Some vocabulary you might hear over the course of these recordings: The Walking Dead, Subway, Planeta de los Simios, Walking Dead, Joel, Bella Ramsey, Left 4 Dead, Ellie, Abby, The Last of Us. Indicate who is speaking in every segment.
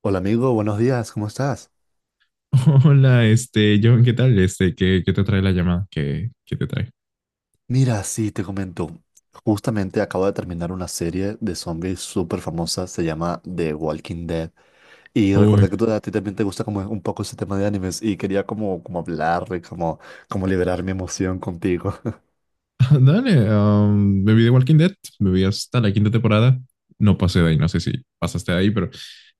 Speaker 1: Hola amigo, buenos días, ¿cómo estás?
Speaker 2: Hola, John, ¿qué tal? ¿ qué te trae la llamada? ¿ qué te trae?
Speaker 1: Mira, sí, te comento. Justamente acabo de terminar una serie de zombies súper famosa, se llama The Walking Dead. Y
Speaker 2: Uy,
Speaker 1: recordé que tú, a ti también te gusta como un poco ese tema de animes y quería como hablar, como liberar mi emoción contigo.
Speaker 2: dale, me vi de Walking Dead, me vi hasta la quinta temporada, no pasé de ahí, no sé si pasaste de ahí, pero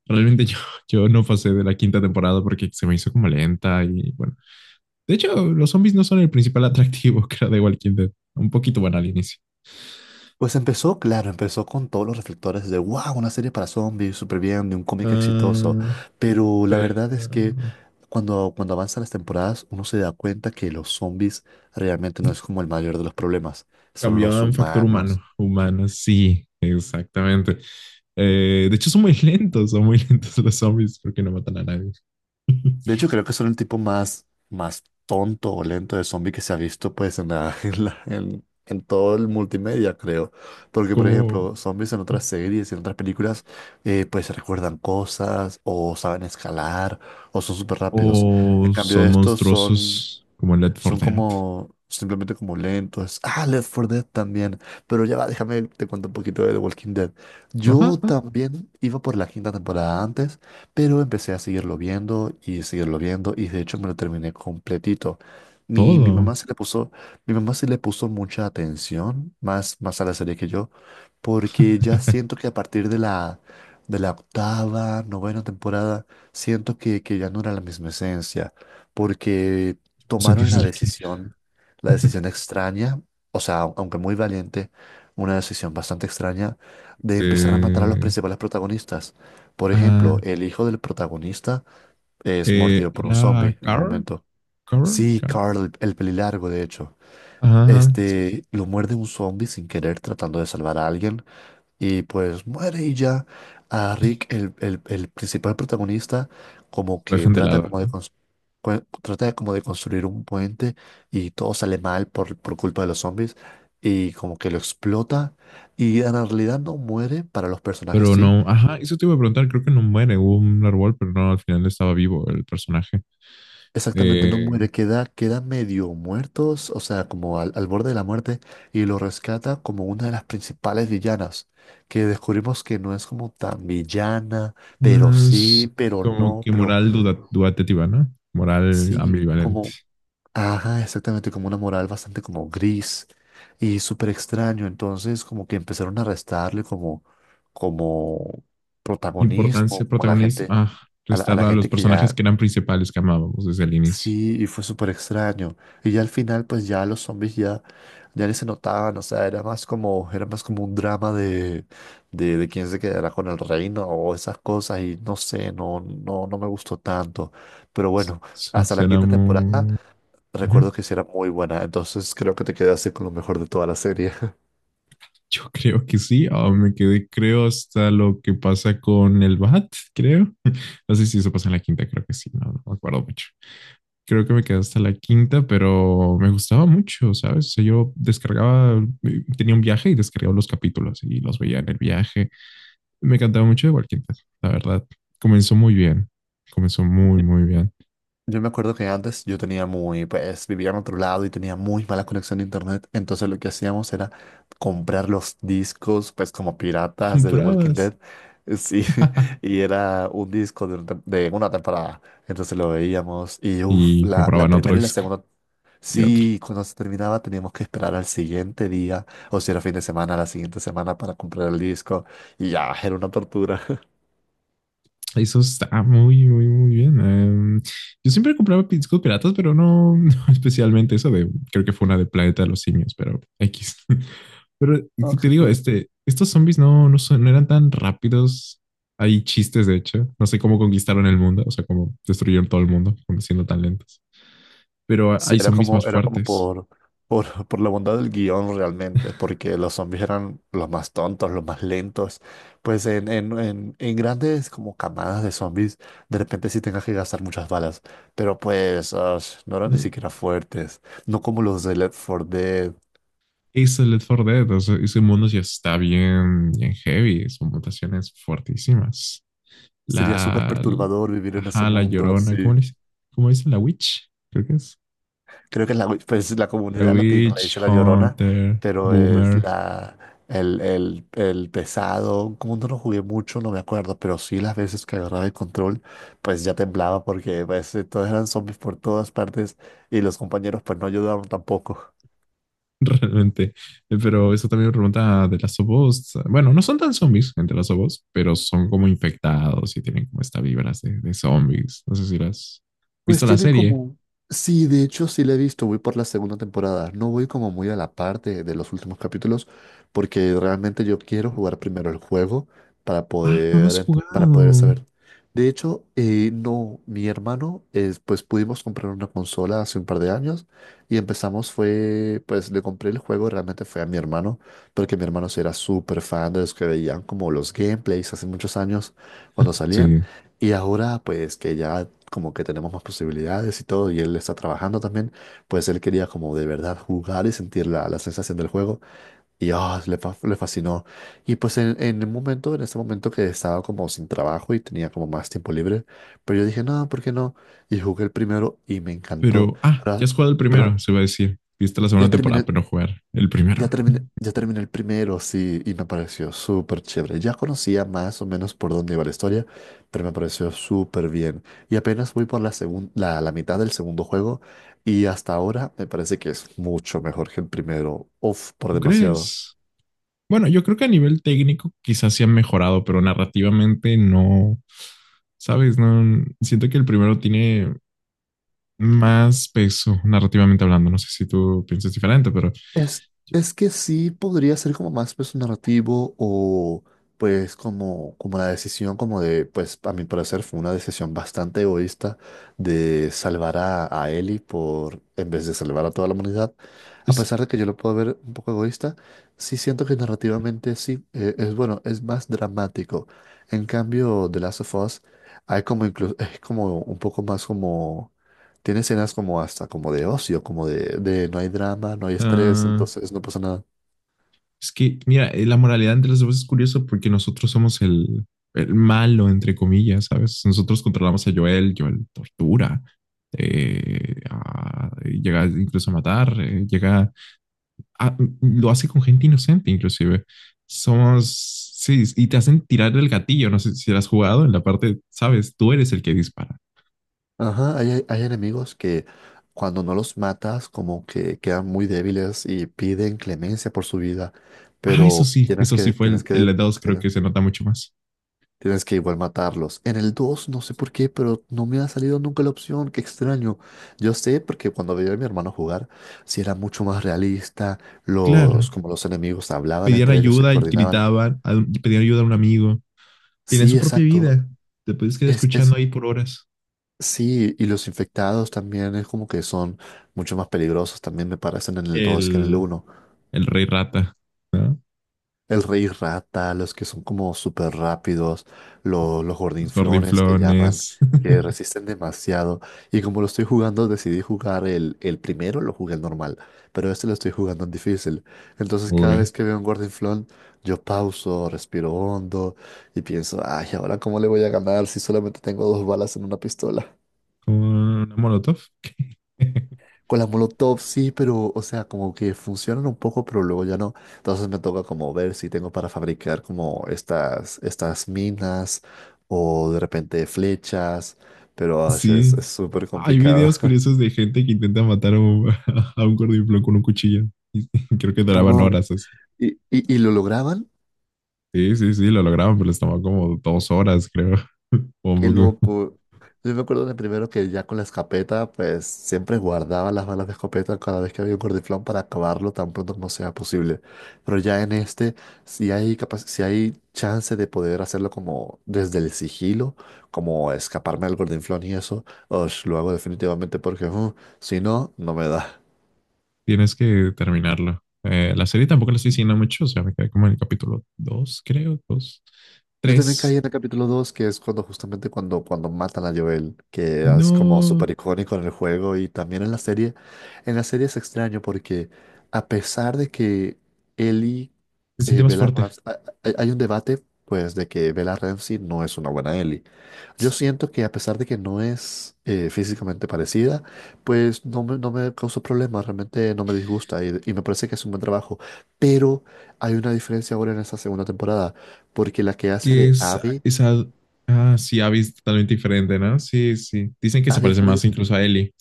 Speaker 2: realmente yo no pasé de la quinta temporada porque se me hizo como lenta y bueno. De hecho, los zombies no son el principal atractivo que era de Walking Dead, un poquito bueno al inicio.
Speaker 1: Pues empezó, claro, empezó con todos los reflectores de, wow, una serie para zombies, súper bien, de un cómic exitoso.
Speaker 2: Ah,
Speaker 1: Pero la verdad es que
Speaker 2: pero...
Speaker 1: cuando avanzan las temporadas, uno se da cuenta que los zombies realmente no es como el mayor de los problemas, son
Speaker 2: Cambió a
Speaker 1: los
Speaker 2: un factor humano.
Speaker 1: humanos.
Speaker 2: Humano, sí, exactamente. De hecho, son muy lentos, son muy lentos los zombies porque no matan a nadie.
Speaker 1: De hecho, creo que son el tipo más tonto o lento de zombie que se ha visto pues en todo el multimedia, creo. Porque, por
Speaker 2: Como,
Speaker 1: ejemplo, zombies en otras series, en otras películas, pues recuerdan cosas o saben escalar o son súper rápidos. En
Speaker 2: o
Speaker 1: cambio,
Speaker 2: son
Speaker 1: estos son
Speaker 2: monstruosos como en Left
Speaker 1: son
Speaker 2: 4 Dead.
Speaker 1: como, simplemente como lentos. Ah, Left 4 Dead también. Pero ya va, déjame, te cuento un poquito de The Walking Dead.
Speaker 2: Ajá,
Speaker 1: Yo también iba por la quinta temporada antes, pero empecé a seguirlo viendo y de hecho me lo terminé completito. Mi, mi
Speaker 2: todo.
Speaker 1: mamá se le puso, mi mamá se le puso mucha atención, más a la serie que yo, porque ya siento que a partir de la octava, novena temporada, siento que ya no era la misma esencia, porque tomaron
Speaker 2: Sentís
Speaker 1: la
Speaker 2: el aquí.
Speaker 1: decisión, la decisión, extraña, o sea, aunque muy valiente, una decisión bastante extraña de empezar a matar a los
Speaker 2: Eh,
Speaker 1: principales protagonistas. Por ejemplo,
Speaker 2: ah,
Speaker 1: el hijo del protagonista es
Speaker 2: eh,
Speaker 1: mordido por un
Speaker 2: era
Speaker 1: zombie en un
Speaker 2: Carl,
Speaker 1: momento.
Speaker 2: Carl,
Speaker 1: Sí,
Speaker 2: Carl.
Speaker 1: Carl, el pelilargo, de hecho.
Speaker 2: Ajá, sí, sí.
Speaker 1: Este, lo muerde un zombie sin querer tratando de salvar a alguien. Y pues muere y ya a Rick, el principal protagonista, como
Speaker 2: Lo
Speaker 1: que
Speaker 2: dejan de
Speaker 1: trata
Speaker 2: lado,
Speaker 1: como de,
Speaker 2: ¿no?
Speaker 1: trata de como de construir un puente y todo sale mal por culpa de los zombies y como que lo explota y en realidad no muere, para los personajes
Speaker 2: Pero
Speaker 1: sí,
Speaker 2: no, ajá, eso te iba a preguntar, creo que no muere, hubo un árbol, pero no, al final estaba vivo el personaje.
Speaker 1: exactamente no
Speaker 2: Eh,
Speaker 1: muere, queda medio muertos, o sea, como al borde de la muerte y lo rescata como una de las principales villanas, que descubrimos que no es como tan villana pero
Speaker 2: No es
Speaker 1: sí, pero
Speaker 2: como
Speaker 1: no,
Speaker 2: que
Speaker 1: pero
Speaker 2: moral dudativa, ¿no? Moral
Speaker 1: sí,
Speaker 2: ambivalente.
Speaker 1: como, ajá, exactamente, como una moral bastante como gris y súper extraño. Entonces, como que empezaron a restarle como
Speaker 2: Importancia,
Speaker 1: protagonismo, como la
Speaker 2: protagonismo.
Speaker 1: gente,
Speaker 2: Ah,
Speaker 1: a la, a
Speaker 2: restar
Speaker 1: la
Speaker 2: a los
Speaker 1: gente que
Speaker 2: personajes
Speaker 1: ya,
Speaker 2: que eran principales que amábamos desde el inicio.
Speaker 1: sí, y fue súper extraño. Y ya al final, pues ya los zombies ya, ya ni se notaban, o sea, era más como un drama de, de quién se quedará con el reino o esas cosas, y no sé, no, no, no me gustó tanto. Pero bueno, hasta la
Speaker 2: Suena
Speaker 1: quinta temporada.
Speaker 2: muy... Ujú.
Speaker 1: Recuerdo que sí era muy buena, entonces creo que te quedaste con lo mejor de toda la serie.
Speaker 2: Yo creo que sí. Ah, me quedé, creo, hasta lo que pasa con el Bat, creo. No sé si eso pasa en la quinta, creo que sí. No, no me acuerdo mucho. Creo que me quedé hasta la quinta, pero me gustaba mucho, ¿sabes? O sea, yo descargaba, tenía un viaje y descargaba los capítulos y los veía en el viaje. Me encantaba mucho de Walking Dead, la verdad. Comenzó muy bien. Comenzó muy,
Speaker 1: Yo
Speaker 2: muy bien.
Speaker 1: yo me acuerdo que antes yo tenía muy, pues vivía en otro lado y tenía muy mala conexión de internet, entonces lo que hacíamos era comprar los discos, pues como piratas de The Walking
Speaker 2: Comprabas.
Speaker 1: Dead, sí, y era un disco de, de una temporada, entonces lo veíamos y uff,
Speaker 2: Y
Speaker 1: la
Speaker 2: compraban otro
Speaker 1: primera y la
Speaker 2: disco
Speaker 1: segunda,
Speaker 2: y otro.
Speaker 1: sí, cuando se terminaba teníamos que esperar al siguiente día, o si era fin de semana, a la siguiente semana para comprar el disco, y ya, era una tortura.
Speaker 2: Eso está muy, muy, muy bien. Em, yo siempre compraba discos piratas, pero no, no especialmente eso de, creo que fue una de Planeta de los Simios, pero X. Pero
Speaker 1: Ah,
Speaker 2: te
Speaker 1: qué
Speaker 2: digo,
Speaker 1: cool.
Speaker 2: estos zombies no, no eran tan rápidos. Hay chistes, de hecho. No sé cómo conquistaron el mundo, o sea, cómo destruyeron todo el mundo siendo tan lentos. Pero
Speaker 1: Sí,
Speaker 2: hay
Speaker 1: era
Speaker 2: zombies
Speaker 1: como,
Speaker 2: más
Speaker 1: era como
Speaker 2: fuertes.
Speaker 1: por la bondad del guión realmente, porque los zombies eran los más tontos, los más lentos. Pues en grandes como camadas de zombies, de repente sí tengas que gastar muchas balas, pero pues ash, no eran ni siquiera fuertes, no como los de Left 4 Dead.
Speaker 2: Hizo el Left 4 Dead, o sea, ese mundo ya está bien, bien heavy, son mutaciones fuertísimas.
Speaker 1: Sería súper
Speaker 2: La,
Speaker 1: perturbador vivir en ese
Speaker 2: ajá, la
Speaker 1: mundo
Speaker 2: Llorona, ¿cómo
Speaker 1: así.
Speaker 2: le dice? ¿Cómo dice? La Witch, creo que es.
Speaker 1: Creo que pues, la
Speaker 2: La
Speaker 1: comunidad latina le
Speaker 2: Witch,
Speaker 1: dice la Llorona,
Speaker 2: Hunter,
Speaker 1: pero es
Speaker 2: Boomer,
Speaker 1: la, el pesado. Como no lo jugué mucho, no me acuerdo, pero sí las veces que agarraba el control, pues ya temblaba porque pues, todos eran zombies por todas partes y los compañeros pues no ayudaban tampoco.
Speaker 2: realmente. Pero eso también me pregunta de las Us. Bueno, no son tan zombies entre las Us, pero son como infectados y tienen como esta vibras de zombies. No sé si las has
Speaker 1: Pues
Speaker 2: visto la
Speaker 1: tienen
Speaker 2: serie.
Speaker 1: como. Sí, de hecho sí la he visto, voy por la segunda temporada. No voy como muy a la parte de los últimos capítulos porque realmente yo quiero jugar primero el juego para
Speaker 2: Ah, no, no
Speaker 1: poder,
Speaker 2: has
Speaker 1: para poder
Speaker 2: jugado.
Speaker 1: saber. De hecho, no, mi hermano, es, pues pudimos comprar una consola hace un par de años y empezamos fue, pues le compré el juego, realmente fue a mi hermano, porque mi hermano sí era súper fan de los que veían como los gameplays hace muchos años cuando salían.
Speaker 2: Sí,
Speaker 1: Y ahora, pues que ya como que tenemos más posibilidades y todo, y él está trabajando también, pues él quería como de verdad jugar y sentir la sensación del juego, y ah, le fascinó. Y pues en el momento, en ese momento que estaba como sin trabajo y tenía como más tiempo libre, pero yo dije, no, ¿por qué no? Y jugué el primero y me encantó,
Speaker 2: pero, ah, ya
Speaker 1: pero,
Speaker 2: has jugado el primero,
Speaker 1: pero
Speaker 2: se va a decir. Viste la
Speaker 1: ya
Speaker 2: segunda
Speaker 1: terminé,
Speaker 2: temporada, pero no jugar el
Speaker 1: ya
Speaker 2: primero.
Speaker 1: terminé, ya terminé el primero, sí, y me pareció súper chévere. Ya conocía más o menos por dónde iba la historia, pero me pareció súper bien. Y apenas voy por la mitad del segundo juego, y hasta ahora me parece que es mucho mejor que el primero. Uf, por
Speaker 2: ¿Tú
Speaker 1: demasiado.
Speaker 2: crees? Bueno, yo creo que a nivel técnico quizás sí han mejorado, pero narrativamente no. ¿Sabes? No, siento que el primero tiene más peso narrativamente hablando. No sé si tú piensas diferente, pero
Speaker 1: Es, es que sí podría ser como más peso narrativo o pues como, como la decisión como de, pues a mi parecer fue una decisión bastante egoísta de salvar a Ellie por, en vez de salvar a toda la humanidad. A
Speaker 2: es,
Speaker 1: pesar de que yo lo puedo ver un poco egoísta, sí siento que narrativamente sí, es bueno, es más dramático. En cambio, The Last of Us hay como es como un poco más como tiene escenas como hasta como de ocio, como de, no hay drama, no hay estrés,
Speaker 2: uh,
Speaker 1: entonces no pasa nada.
Speaker 2: es que, mira, la moralidad entre los dos es curioso porque nosotros somos el malo, entre comillas, ¿sabes? Nosotros controlamos a Joel, Joel tortura, llega incluso a matar, lo hace con gente inocente, inclusive. Somos, sí, y te hacen tirar el gatillo, no sé si lo has jugado en la parte, ¿sabes? Tú eres el que dispara.
Speaker 1: Ajá, hay enemigos que cuando no los matas como que quedan muy débiles y piden clemencia por su vida,
Speaker 2: Ah,
Speaker 1: pero
Speaker 2: eso sí fue el 2, creo que
Speaker 1: tienes,
Speaker 2: se nota mucho más.
Speaker 1: tienes que igual matarlos. En el 2 no sé por qué, pero no me ha salido nunca la opción, qué extraño. Yo sé porque cuando veía a mi hermano jugar, si era mucho más realista,
Speaker 2: Claro,
Speaker 1: los, como los enemigos hablaban
Speaker 2: pedían
Speaker 1: entre ellos, se
Speaker 2: ayuda,
Speaker 1: coordinaban.
Speaker 2: gritaban, pedían ayuda a un amigo. Tenía
Speaker 1: Sí,
Speaker 2: su propia
Speaker 1: exacto.
Speaker 2: vida. Te puedes quedar
Speaker 1: Es,
Speaker 2: escuchando
Speaker 1: es,
Speaker 2: ahí por horas.
Speaker 1: Sí, y los infectados también es como que son mucho más peligrosos, también me parecen en el 2 que en el
Speaker 2: El,
Speaker 1: uno.
Speaker 2: el Rey Rata, ¿no?
Speaker 1: El rey rata, los que son como súper rápidos, los
Speaker 2: Los
Speaker 1: gordinflones que llaman,
Speaker 2: gordinflones.
Speaker 1: que resisten demasiado. Y como lo estoy jugando, decidí jugar el primero, lo jugué el normal, pero este lo estoy jugando en difícil. Entonces cada vez
Speaker 2: Uy.
Speaker 1: que veo un gordinflón, yo pauso, respiro hondo y pienso, ay, ¿ahora cómo le voy a ganar si solamente tengo dos balas en una pistola?
Speaker 2: ¿Una molotov?
Speaker 1: Con las molotov sí, pero, o sea, como que funcionan un poco, pero luego ya no. Entonces me toca como ver si tengo para fabricar como estas, estas minas o de repente flechas, pero ay,
Speaker 2: Sí.
Speaker 1: es súper
Speaker 2: Hay
Speaker 1: complicado.
Speaker 2: videos curiosos de gente que intenta matar a un, a un gordinflón con un cuchillo. Y creo que duraban horas así.
Speaker 1: Y lo lograban.
Speaker 2: Sí, sí, sí, lo lograban, pero les tomó como dos horas, creo. O un
Speaker 1: Qué
Speaker 2: poco.
Speaker 1: loco. Yo me acuerdo de primero que ya con la escopeta, pues siempre guardaba las balas de escopeta cada vez que había un gordiflón para acabarlo tan pronto como sea posible. Pero ya en este, si hay chance de poder hacerlo como desde el sigilo, como escaparme del gordiflón y eso, osh, lo hago definitivamente porque si no, no me da.
Speaker 2: Tienes que terminarlo. La serie tampoco la estoy siguiendo mucho, o sea, me quedé como en el capítulo 2, creo, 2,
Speaker 1: Yo también caí
Speaker 2: 3.
Speaker 1: en el capítulo 2 que es cuando justamente cuando matan a Joel, que es como
Speaker 2: No,
Speaker 1: súper icónico en el juego y también en la serie. En la serie es extraño porque a pesar de que Ellie,
Speaker 2: se siente
Speaker 1: eh,
Speaker 2: más
Speaker 1: Bella
Speaker 2: fuerte.
Speaker 1: Rams- a- hay un debate pues de que Bella Ramsey no es una buena Ellie. Yo siento que a pesar de que no es físicamente parecida, pues no me causó problemas, realmente no me disgusta y me parece que es un buen trabajo. Pero hay una diferencia ahora en esta segunda temporada porque la que hace
Speaker 2: Que
Speaker 1: de
Speaker 2: es
Speaker 1: Abby,
Speaker 2: esa... Ah, sí, Abby es totalmente diferente, ¿no? Sí, sí. Dicen que se
Speaker 1: Abby
Speaker 2: parece
Speaker 1: es muy.
Speaker 2: más incluso a Ellie,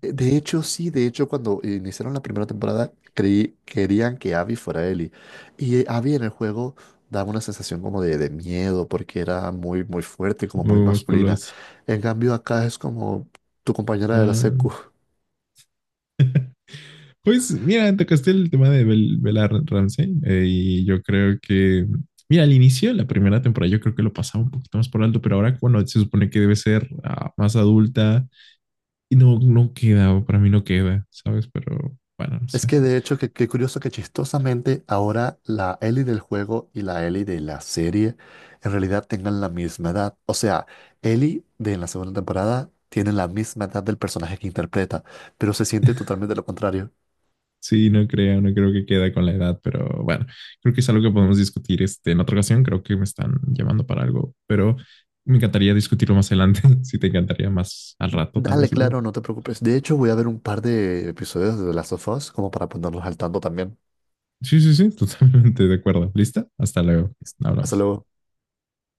Speaker 1: De hecho, sí, de hecho, cuando iniciaron la primera temporada, creí, querían que Abby fuera Ellie. Y Abby en el juego daba una sensación como de miedo, porque era muy, muy fuerte, como
Speaker 2: muy
Speaker 1: muy masculina.
Speaker 2: musculoso.
Speaker 1: En cambio, acá es como tu compañera de la
Speaker 2: Ah,
Speaker 1: secu.
Speaker 2: pues mira, tocaste el tema de Bella Ramsey, y yo creo que, mira, al inicio de la primera temporada yo creo que lo pasaba un poquito más por alto, pero ahora cuando se supone que debe ser ah, más adulta, y no, no queda, para mí no queda, ¿sabes? Pero bueno, no
Speaker 1: Es
Speaker 2: sé.
Speaker 1: que de hecho, qué curioso que chistosamente ahora la Ellie del juego y la Ellie de la serie en realidad tengan la misma edad. O sea, Ellie de la segunda temporada tiene la misma edad del personaje que interpreta, pero se siente totalmente lo contrario.
Speaker 2: Sí, no creo, no creo que queda con la edad, pero bueno, creo que es algo que podemos discutir en otra ocasión. Creo que me están llamando para algo, pero me encantaría discutirlo más adelante. Si te encantaría más al rato, tal
Speaker 1: Dale,
Speaker 2: vez luego.
Speaker 1: claro, no te preocupes. De hecho, voy a ver un par de episodios de The Last of Us como para ponernos al tanto también.
Speaker 2: Sí, sí, sí, totalmente de acuerdo. ¿Lista? Hasta luego.
Speaker 1: Hasta
Speaker 2: Hablamos.
Speaker 1: luego.